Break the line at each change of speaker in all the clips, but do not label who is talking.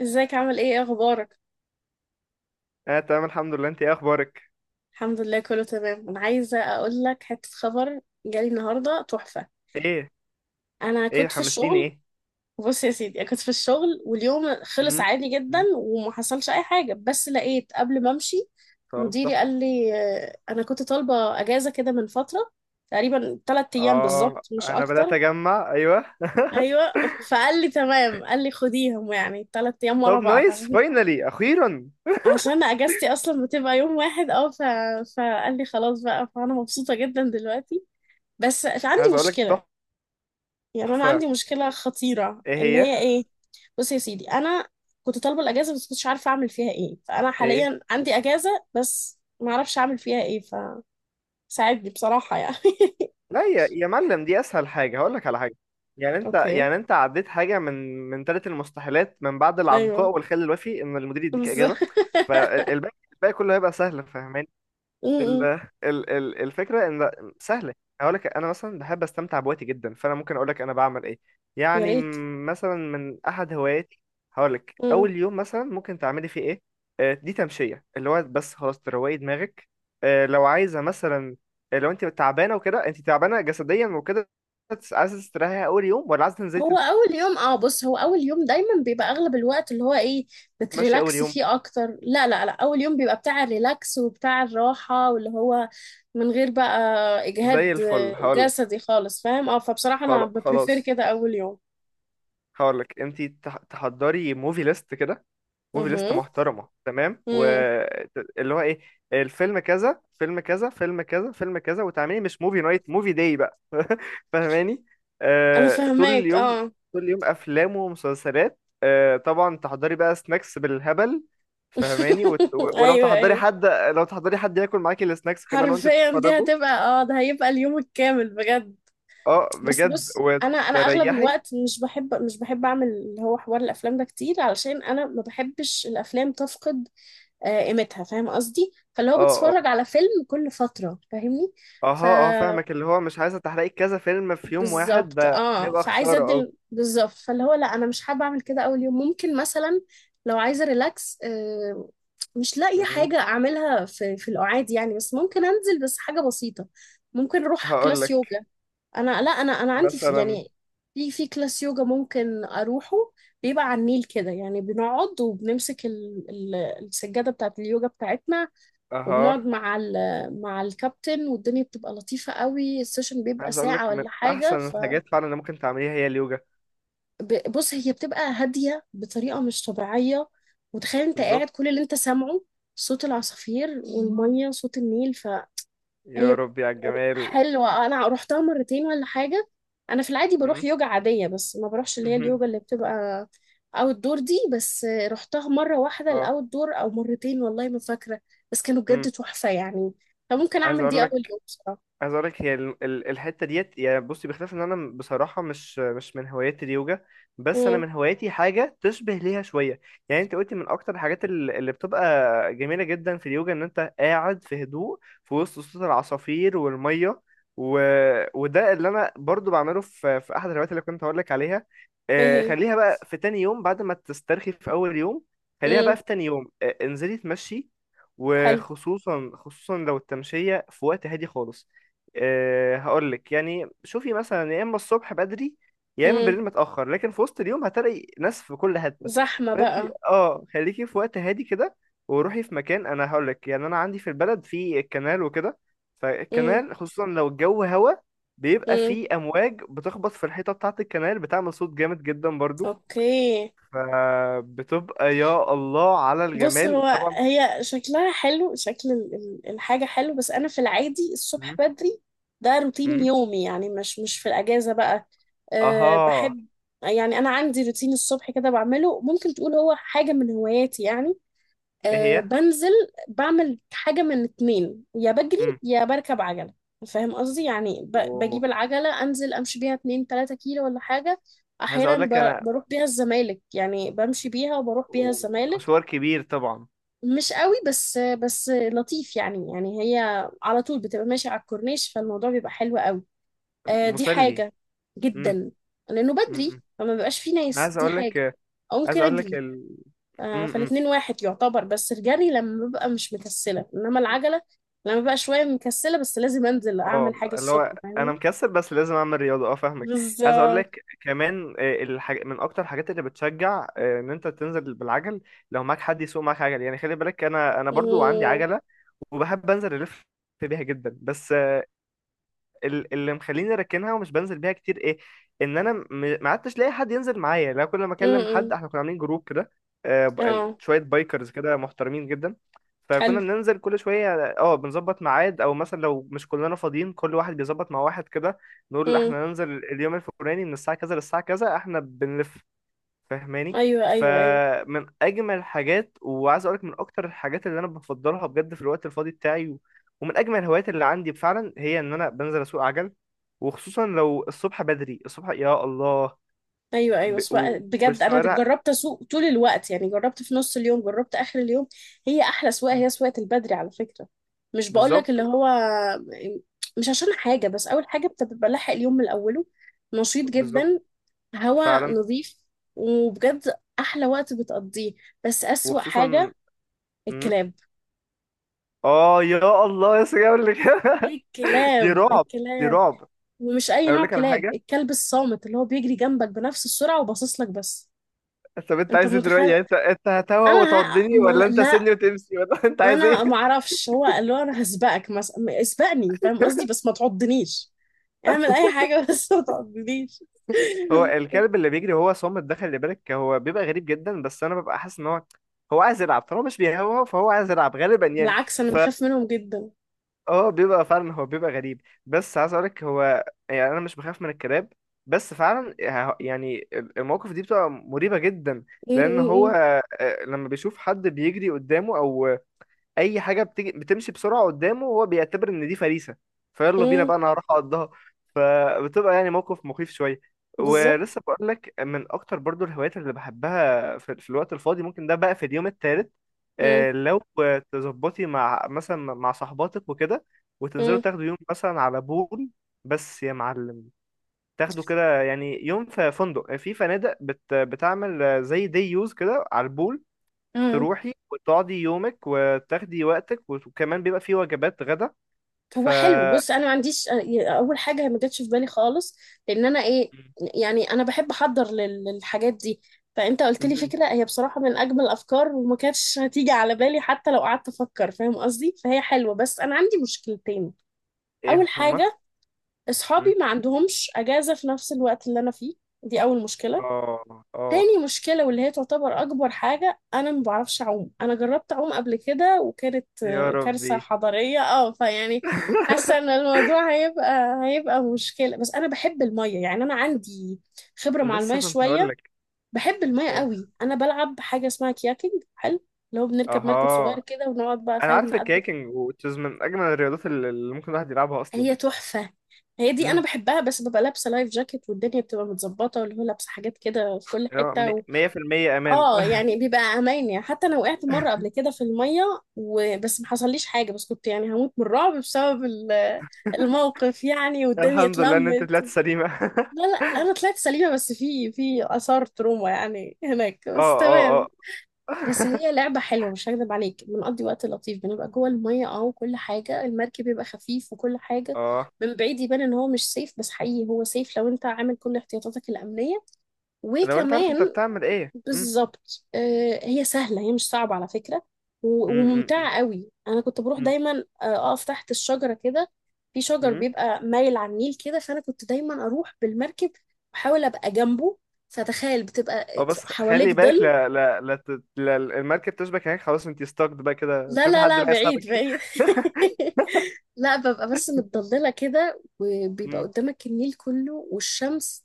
ازيك؟ عامل ايه اخبارك؟
اه تمام، الحمد لله. انت ايه اخبارك؟
الحمد لله، كله تمام. انا عايزه اقول لك حته خبر جالي النهارده تحفه.
ايه
انا
ايه
كنت في
حمستيني
الشغل.
ايه؟
بص يا سيدي، انا كنت في الشغل واليوم خلص
مم.
عادي جدا
مم.
وما حصلش اي حاجه، بس لقيت قبل ما امشي.
طب
مديري
تحفه.
قال لي، انا كنت طالبه اجازه كده من فتره، تقريبا ثلاث ايام
اه
بالظبط مش
انا بدات
اكتر.
اجمع، ايوه.
ايوه، فقال لي تمام، قال لي خديهم يعني ثلاث ايام ورا
طب
بعض
نايس،
عشان
فاينلي اخيرا.
عشان اجازتي اصلا بتبقى يوم واحد، فقال لي خلاص بقى، فانا مبسوطه جدا دلوقتي. بس عندي
عايز اقول لك
مشكله، يعني انا
تحفه.
عندي مشكله خطيره،
ايه
اللي
هي؟
هي ايه؟ بص يا سيدي، انا كنت طالبه الاجازه بس كنتش عارفه اعمل فيها ايه، فانا
ايه؟
حاليا عندي اجازه بس ما اعرفش اعمل فيها ايه. فساعدني بصراحه يعني.
لا يا معلم، دي اسهل حاجه. هقول لك على حاجه. يعني انت
اوكي.
يعني انت عديت حاجه من ثلاث المستحيلات، من بعد العنقاء
ايوه،
والخل الوفي، ان المدير يديك
بالظبط.
اجازه. فالباقي، كله هيبقى سهل. فاهماني؟
م-
ال
م.
ال ال الفكرة ان سهلة. هقول لك انا مثلا بحب استمتع بوقتي جدا، فانا ممكن اقول لك انا بعمل ايه.
يا
يعني
ريت.
مثلا من احد هواياتي. هقول لك اول يوم مثلا ممكن تعملي فيه ايه. دي تمشية، اللي هو بس خلاص تروقي دماغك. لو عايزة مثلا، لو انت تعبانة وكده، انت تعبانة جسديا وكده، بس عايزة تستريحي اول يوم، ولا عايزة تنزلي
هو اول يوم، بص، هو اول يوم دايما بيبقى اغلب الوقت اللي هو ايه،
تتمشي اول
بتريلاكس
يوم؟
فيه اكتر. لا لا لا، اول يوم بيبقى بتاع الريلاكس وبتاع الراحة، واللي هو من غير بقى اجهاد
زي الفل. هقول لك،
جسدي خالص، فاهم؟ اه، فبصراحة انا ببريفير
خلاص.
كده اول يوم.
هقول لك انت تحضري موفي ليست كده، موفي ليست
امم.
محترمه تمام. واللي هو ايه؟ الفيلم كذا، فيلم كذا، فيلم كذا، فيلم كذا، وتعملي مش موفي نايت، موفي داي بقى. فاهماني؟
انا
آه، طول
فاهماك
اليوم،
اه.
طول اليوم افلام ومسلسلات. آه، طبعا تحضري بقى سناكس بالهبل. فاهماني؟ ولو
ايوه،
تحضري
ايوه،
حد، لو تحضري حد ياكل معاكي السناكس كمان وانت
حرفيا دي
بتتفرجوا.
هتبقى، اه ده هيبقى اليوم الكامل بجد.
اه
بس
بجد،
بص، انا اغلب
وتريحي.
الوقت مش بحب اعمل اللي هو حوار الافلام ده كتير، علشان انا ما بحبش الافلام تفقد قيمتها، فاهم قصدي؟ فاللي
اه
هو
اه
بتفرج على فيلم كل فتره، فاهمني؟ ف
اه فاهمك. اللي هو مش عايزه تحرقي كذا فيلم في يوم واحد،
بالظبط،
ده هيبقى
فعايزه
خساره.
بالظبط، فاللي هو لا، انا مش حابه اعمل كده اول يوم. ممكن مثلا لو عايزه ريلاكس، مش لاقيه
اه،
حاجه اعملها في القعاد يعني، بس ممكن انزل بس حاجه بسيطه، ممكن اروح
هقول
كلاس
لك
يوجا. انا، لا، انا عندي في،
مثلا.
يعني في كلاس يوجا ممكن اروحه، بيبقى على النيل كده، يعني بنقعد وبنمسك السجاده بتاعت اليوجا بتاعتنا، وبنقعد
اها،
مع الكابتن والدنيا بتبقى لطيفه قوي، السيشن بيبقى
عايز اقول
ساعه
لك من
ولا حاجه.
احسن الحاجات فعلا اللي ممكن تعمليها هي اليوجا.
فبص، هي بتبقى هاديه بطريقه مش طبيعيه، وتخيل انت
بالظبط.
قاعد كل اللي انت سامعه، صوت العصافير والميه، صوت النيل.
يا
هي
ربي على الجمال.
حلوة، أنا روحتها مرتين ولا حاجة. أنا في العادي بروح
مم.
يوجا عادية، بس ما بروحش اللي هي
مهم.
اليوجا اللي بتبقى أوت دور، دي بس روحتها مرة واحدة
اه.
الأوت دور، أو مرتين، والله ما فاكرة، بس كانوا
مم.
بجد تحفة يعني. فممكن
عايز
أعمل دي
اقول
أول
لك،
يوم بصراحة.
عايز اقول لك هي الحته ديت. يعني بصي، بخلاف ان انا بصراحه مش من هوايات اليوجا، بس انا
امم.
من هواياتي حاجه تشبه ليها شويه. يعني انت قلتي من اكتر الحاجات اللي بتبقى جميله جدا في اليوجا ان انت قاعد في هدوء، في وسط صوت العصافير والميه، و... وده اللي انا برضو بعمله في احد الهوايات اللي كنت هقول لك عليها.
إيه هي؟
خليها بقى في تاني يوم بعد ما تسترخي في اول يوم. خليها بقى
امم.
في تاني يوم، انزلي تمشي.
حلو.
وخصوصا لو التمشيه في وقت هادي خالص. هقول لك يعني شوفي مثلا، يا اما الصبح بدري، يا اما
امم.
بالليل متاخر. لكن في وسط اليوم هتلاقي ناس في كل حته.
زحمة
فانت،
بقى.
اه، خليكي في وقت هادي كده. وروحي في مكان، انا هقول لك يعني، انا عندي في البلد في كنال وكده.
امم.
فالكنال خصوصا لو الجو هوا، بيبقى
امم.
فيه امواج بتخبط في الحيطه بتاعه الكنال، بتعمل صوت جامد جدا برضو.
أوكي.
فبتبقى يا الله على
بص،
الجمال
هو
طبعا.
هي شكلها حلو، شكل الحاجة حلو، بس أنا في العادي الصبح
مم.
بدري، ده روتين
مم.
يومي يعني، مش مش في الأجازة بقى. أه،
اها.
بحب، يعني أنا عندي روتين الصبح كده بعمله، ممكن تقول هو حاجة من هواياتي يعني.
ايه
أه،
هي؟
بنزل بعمل حاجة من اتنين، يا بجري
امم.
يا بركب عجلة، فاهم قصدي؟ يعني
اوه.
بجيب العجلة أنزل أمشي بيها 2 3 كيلو ولا حاجة.
عايز
أحيانا
اقول لك انا،
بروح بيها الزمالك، يعني بمشي بيها وبروح بيها
ده
الزمالك،
مشوار كبير طبعا.
مش قوي بس، بس لطيف يعني، يعني هي على طول بتبقى ماشية على الكورنيش، فالموضوع بيبقى حلو قوي. آه، دي
مسلي.
حاجة
امم
جدا، لأنه بدري
امم
فما بيبقاش فيه
أنا
ناس،
عايز
دي
اقول
حاجة.
لك،
أو
عايز
ممكن
اقول لك
أجري. آه،
امم.
فالاتنين واحد يعتبر، بس الجري لما ببقى مش مكسلة، إنما العجلة لما ببقى شوية مكسلة، بس لازم أنزل
اه،
أعمل حاجة
اللي
الصبح،
هو انا
فاهمين؟
مكسل بس لازم اعمل رياضه. اه فاهمك. عايز اقول
بالظبط.
لك كمان، من اكتر الحاجات اللي بتشجع ان انت تنزل بالعجل، لو معاك حد يسوق معاك عجل. يعني خلي بالك، انا برضو عندي
مم.
عجله، وبحب انزل الف بيها جدا. بس اللي مخليني راكنها ومش بنزل بيها كتير، ايه؟ ان انا ما عدتش لاقي حد ينزل معايا. لا، كل ما اكلم
مم.
حد، احنا كنا عاملين جروب كده،
اه.
شويه بايكرز كده محترمين جدا. فكنا
حلو.
بننزل كل شويه، اه، بنظبط ميعاد. او مثلا لو مش كلنا فاضيين، كل واحد بيظبط مع واحد كده. نقول
مم.
احنا ننزل اليوم الفلاني من الساعه كذا للساعه كذا، احنا بنلف. فاهماني؟
أيوه، أيوه، أيوه،
فمن اجمل الحاجات، وعايز اقولك من اكتر الحاجات اللي انا بفضلها بجد في الوقت الفاضي بتاعي، ومن اجمل الهوايات اللي عندي فعلا، هي ان انا بنزل اسوق عجل. وخصوصا لو الصبح بدري، الصبح يا الله.
ايوه، ايوه،
ب... و...
بجد انا
والشوارع.
جربت اسوق طول الوقت، يعني جربت في نص اليوم، جربت اخر اليوم، هي احلى سواقه، هي سواقه البدري على فكره. مش بقول لك
بالظبط.
اللي هو مش عشان حاجه، بس اول حاجه بتبقى لاحق اليوم من اوله، نشيط
بالظبط.
جدا، هوا
فعلا.
نظيف، وبجد احلى وقت بتقضيه. بس اسوأ
وخصوصا.
حاجه
مم.
الكلاب.
اه يا الله، يا سيدي، اقول لك. دي
الكلاب،
رعب، دي
الكلاب،
رعب.
ومش اي
اقول
نوع
لك على
كلاب،
حاجه.
الكلب الصامت اللي هو بيجري جنبك بنفس السرعه وباصص لك بس.
طب انت
انت
عايز ايه دلوقتي؟
متخيل؟
يعني انت هتهوى
انا ه...
وتعضني،
ما...
ولا انت
لا،
سني وتمشي، ولا انت عايز
انا
ايه؟
ما اعرفش، هو اللي هو انا هسبقك مثلا، اسبقني، فاهم قصدي؟ بس ما تعضنيش، اعمل اي حاجه بس ما تعضنيش.
هو الكلب اللي بيجري، هو صامت، دخل اللي بالك، هو بيبقى غريب جدا. بس انا ببقى حاسس ان هو، هو عايز يلعب. طالما مش بيهوى، فهو عايز يلعب غالبا يعني.
بالعكس، انا بخاف منهم جدا.
فهو بيبقى فعلا، هو بيبقى غريب. بس عايز اقولك هو، يعني انا مش بخاف من الكلاب. بس فعلا يعني المواقف دي بتبقى مريبة جدا.
م-
لان هو،
م-
لما بيشوف حد بيجري قدامه، او اي حاجه بتجي بتمشي بسرعه قدامه، وهو بيعتبر ان دي فريسه،
م.
فيلا بينا
م.
بقى، انا هروح اقضها. فبتبقى يعني موقف مخيف شويه.
بالظبط.
ولسه بقول لك، من اكتر برضو الهوايات اللي بحبها في, الوقت الفاضي، ممكن ده بقى في اليوم الثالث.
م-
لو تظبطي مع مثلا، مع صاحباتك وكده، وتنزلوا
م-
تاخدوا يوم مثلا على بول. بس يا معلم، تاخدوا كده يعني يوم في فندق، في فنادق بت بتعمل زي دي يوز كده على البول.
م.
تروحي وتقعدي يومك، وتاخدي وقتك، وكمان بيبقى فيه وجبات غدا. ف
هو حلو، بص انا ما عنديش، اول حاجه ما جاتش في بالي خالص، لان انا ايه؟ يعني انا بحب احضر للحاجات دي، فانت قلت لي
مهم.
فكره هي بصراحه من اجمل الافكار، وما كانتش هتيجي على بالي حتى لو قعدت افكر، فاهم قصدي؟ فهي حلوه، بس انا عندي مشكلتين. اول
ايه هما؟
حاجه، اصحابي
مم.
ما عندهمش اجازه في نفس الوقت اللي انا فيه، دي اول مشكله.
اه اه.
تاني مشكله واللي هي تعتبر اكبر حاجه، انا ما بعرفش اعوم. انا جربت اعوم قبل كده وكانت
يا
كارثه
ربي.
حضاريه، فيعني حاسه ان الموضوع هيبقى مشكله، بس انا بحب الميه يعني، انا عندي خبره مع
لسه
الميه
كنت هقول
شويه،
لك.
بحب الميه
ايه؟
قوي. انا بلعب حاجه اسمها كياكينج، حلو، اللي هو بنركب مركب صغير
اها،
كده ونقعد بقى،
انا
فاهم؟
عارف
نقدم.
الكايكنج وتشيز، من اجمل الرياضات اللي ممكن الواحد يلعبها اصلا.
هي تحفة، هي دي أنا
امم.
بحبها، بس ببقى لابسة لايف جاكيت والدنيا بتبقى متظبطة، واللي هو لابسة حاجات كده في كل حتة
100% امان.
اه، يعني بيبقى أمان، يعني حتى أنا وقعت مرة قبل كده في المية، وبس ما حصليش حاجة، بس كنت يعني هموت من الرعب بسبب الموقف يعني، والدنيا
الحمد لله ان انت
اتلمت.
طلعت سليمه.
لا لا، أنا طلعت سليمة، بس في آثار تروما يعني هناك،
اه
بس
اه اه
تمام. بس هي لعبة حلوة، مش هكدب عليك، بنقضي وقت لطيف، بنبقى جوه المية وكل حاجة، المركب بيبقى خفيف وكل حاجة،
اه.
من بعيد يبان ان هو مش سيف، بس حقيقي هو سيف لو انت عامل كل احتياطاتك الأمنية،
لو انت عارف انت
وكمان
بتعمل ايه.
بالظبط. هي سهلة، هي مش صعبة على فكرة،
امم
وممتعة قوي. انا كنت بروح دايما اقف تحت الشجرة كده، في شجر
امم
بيبقى مايل على النيل كده، فانا كنت دايما اروح بالمركب واحاول ابقى جنبه، فتخيل
اه،
بتبقى
بس خلي
حواليك
بالك،
ظل.
لا لا لا, لا، المركب تشبك هناك، خلاص انت ستاكد بقى كده،
لا
شوفي
لا
حد
لا،
بقى يسحبك.
بعيد، بعيد. لا، ببقى بس متضللة كده، وبيبقى
مم،
قدامك النيل كله والشمس،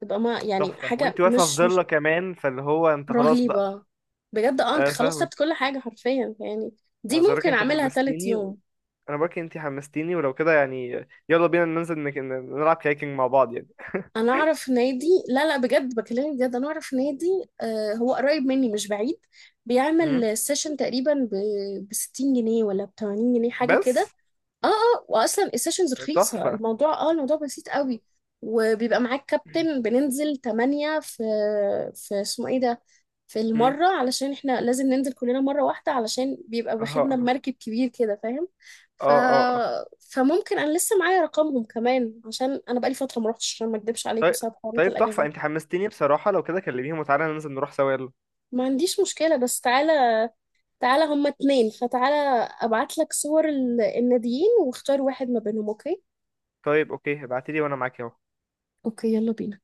تبقى ما يعني
تحفة.
حاجة
وانت واقفة في
مش
ضلة كمان، فاللي هو انت خلاص بقى.
رهيبة. بجد اه، انت
اه
خلاص خدت
فاهمك.
كل حاجة حرفيا يعني، دي
عايز اقولك
ممكن
انت
اعملها تالت
حمستيني.
يوم.
انا بقولك انت حمستيني. ولو كده يعني يلا بينا ننزل نلعب كايكنج مع بعض يعني.
انا اعرف نادي، لا لا، بجد بكلمك بجد، انا اعرف نادي، آه هو قريب مني مش بعيد،
مم،
بيعمل سيشن تقريبا ب 60 جنيه ولا ب 80 جنيه حاجة كده.
بس
اه، اه، واصلا السيشنز رخيصه،
تحفة.
الموضوع بسيط قوي، وبيبقى معاك كابتن. بننزل 8 في اسمه ايه ده؟ في
مم،
المره، علشان احنا لازم ننزل كلنا مره واحده، علشان بيبقى
اه
واخدنا
اه
بمركب كبير كده، فاهم؟ ف
اه.
فممكن انا لسه معايا رقمهم كمان، عشان انا بقالي فتره ما روحتش، عشان ما اكدبش عليك
طيب،
بسبب حوارات
طيب تحفة،
الاجازات.
انت حمستيني بصراحة. لو كده كلميهم وتعالى ننزل نروح سوا، يلا.
ما عنديش مشكله، بس تعالى، تعالى هما اتنين، فتعالى ابعت لك صور الناديين واختار واحد ما بينهم، اوكي؟
طيب اوكي، ابعتيلي وانا معاك اهو.
اوكي، يلا بينا.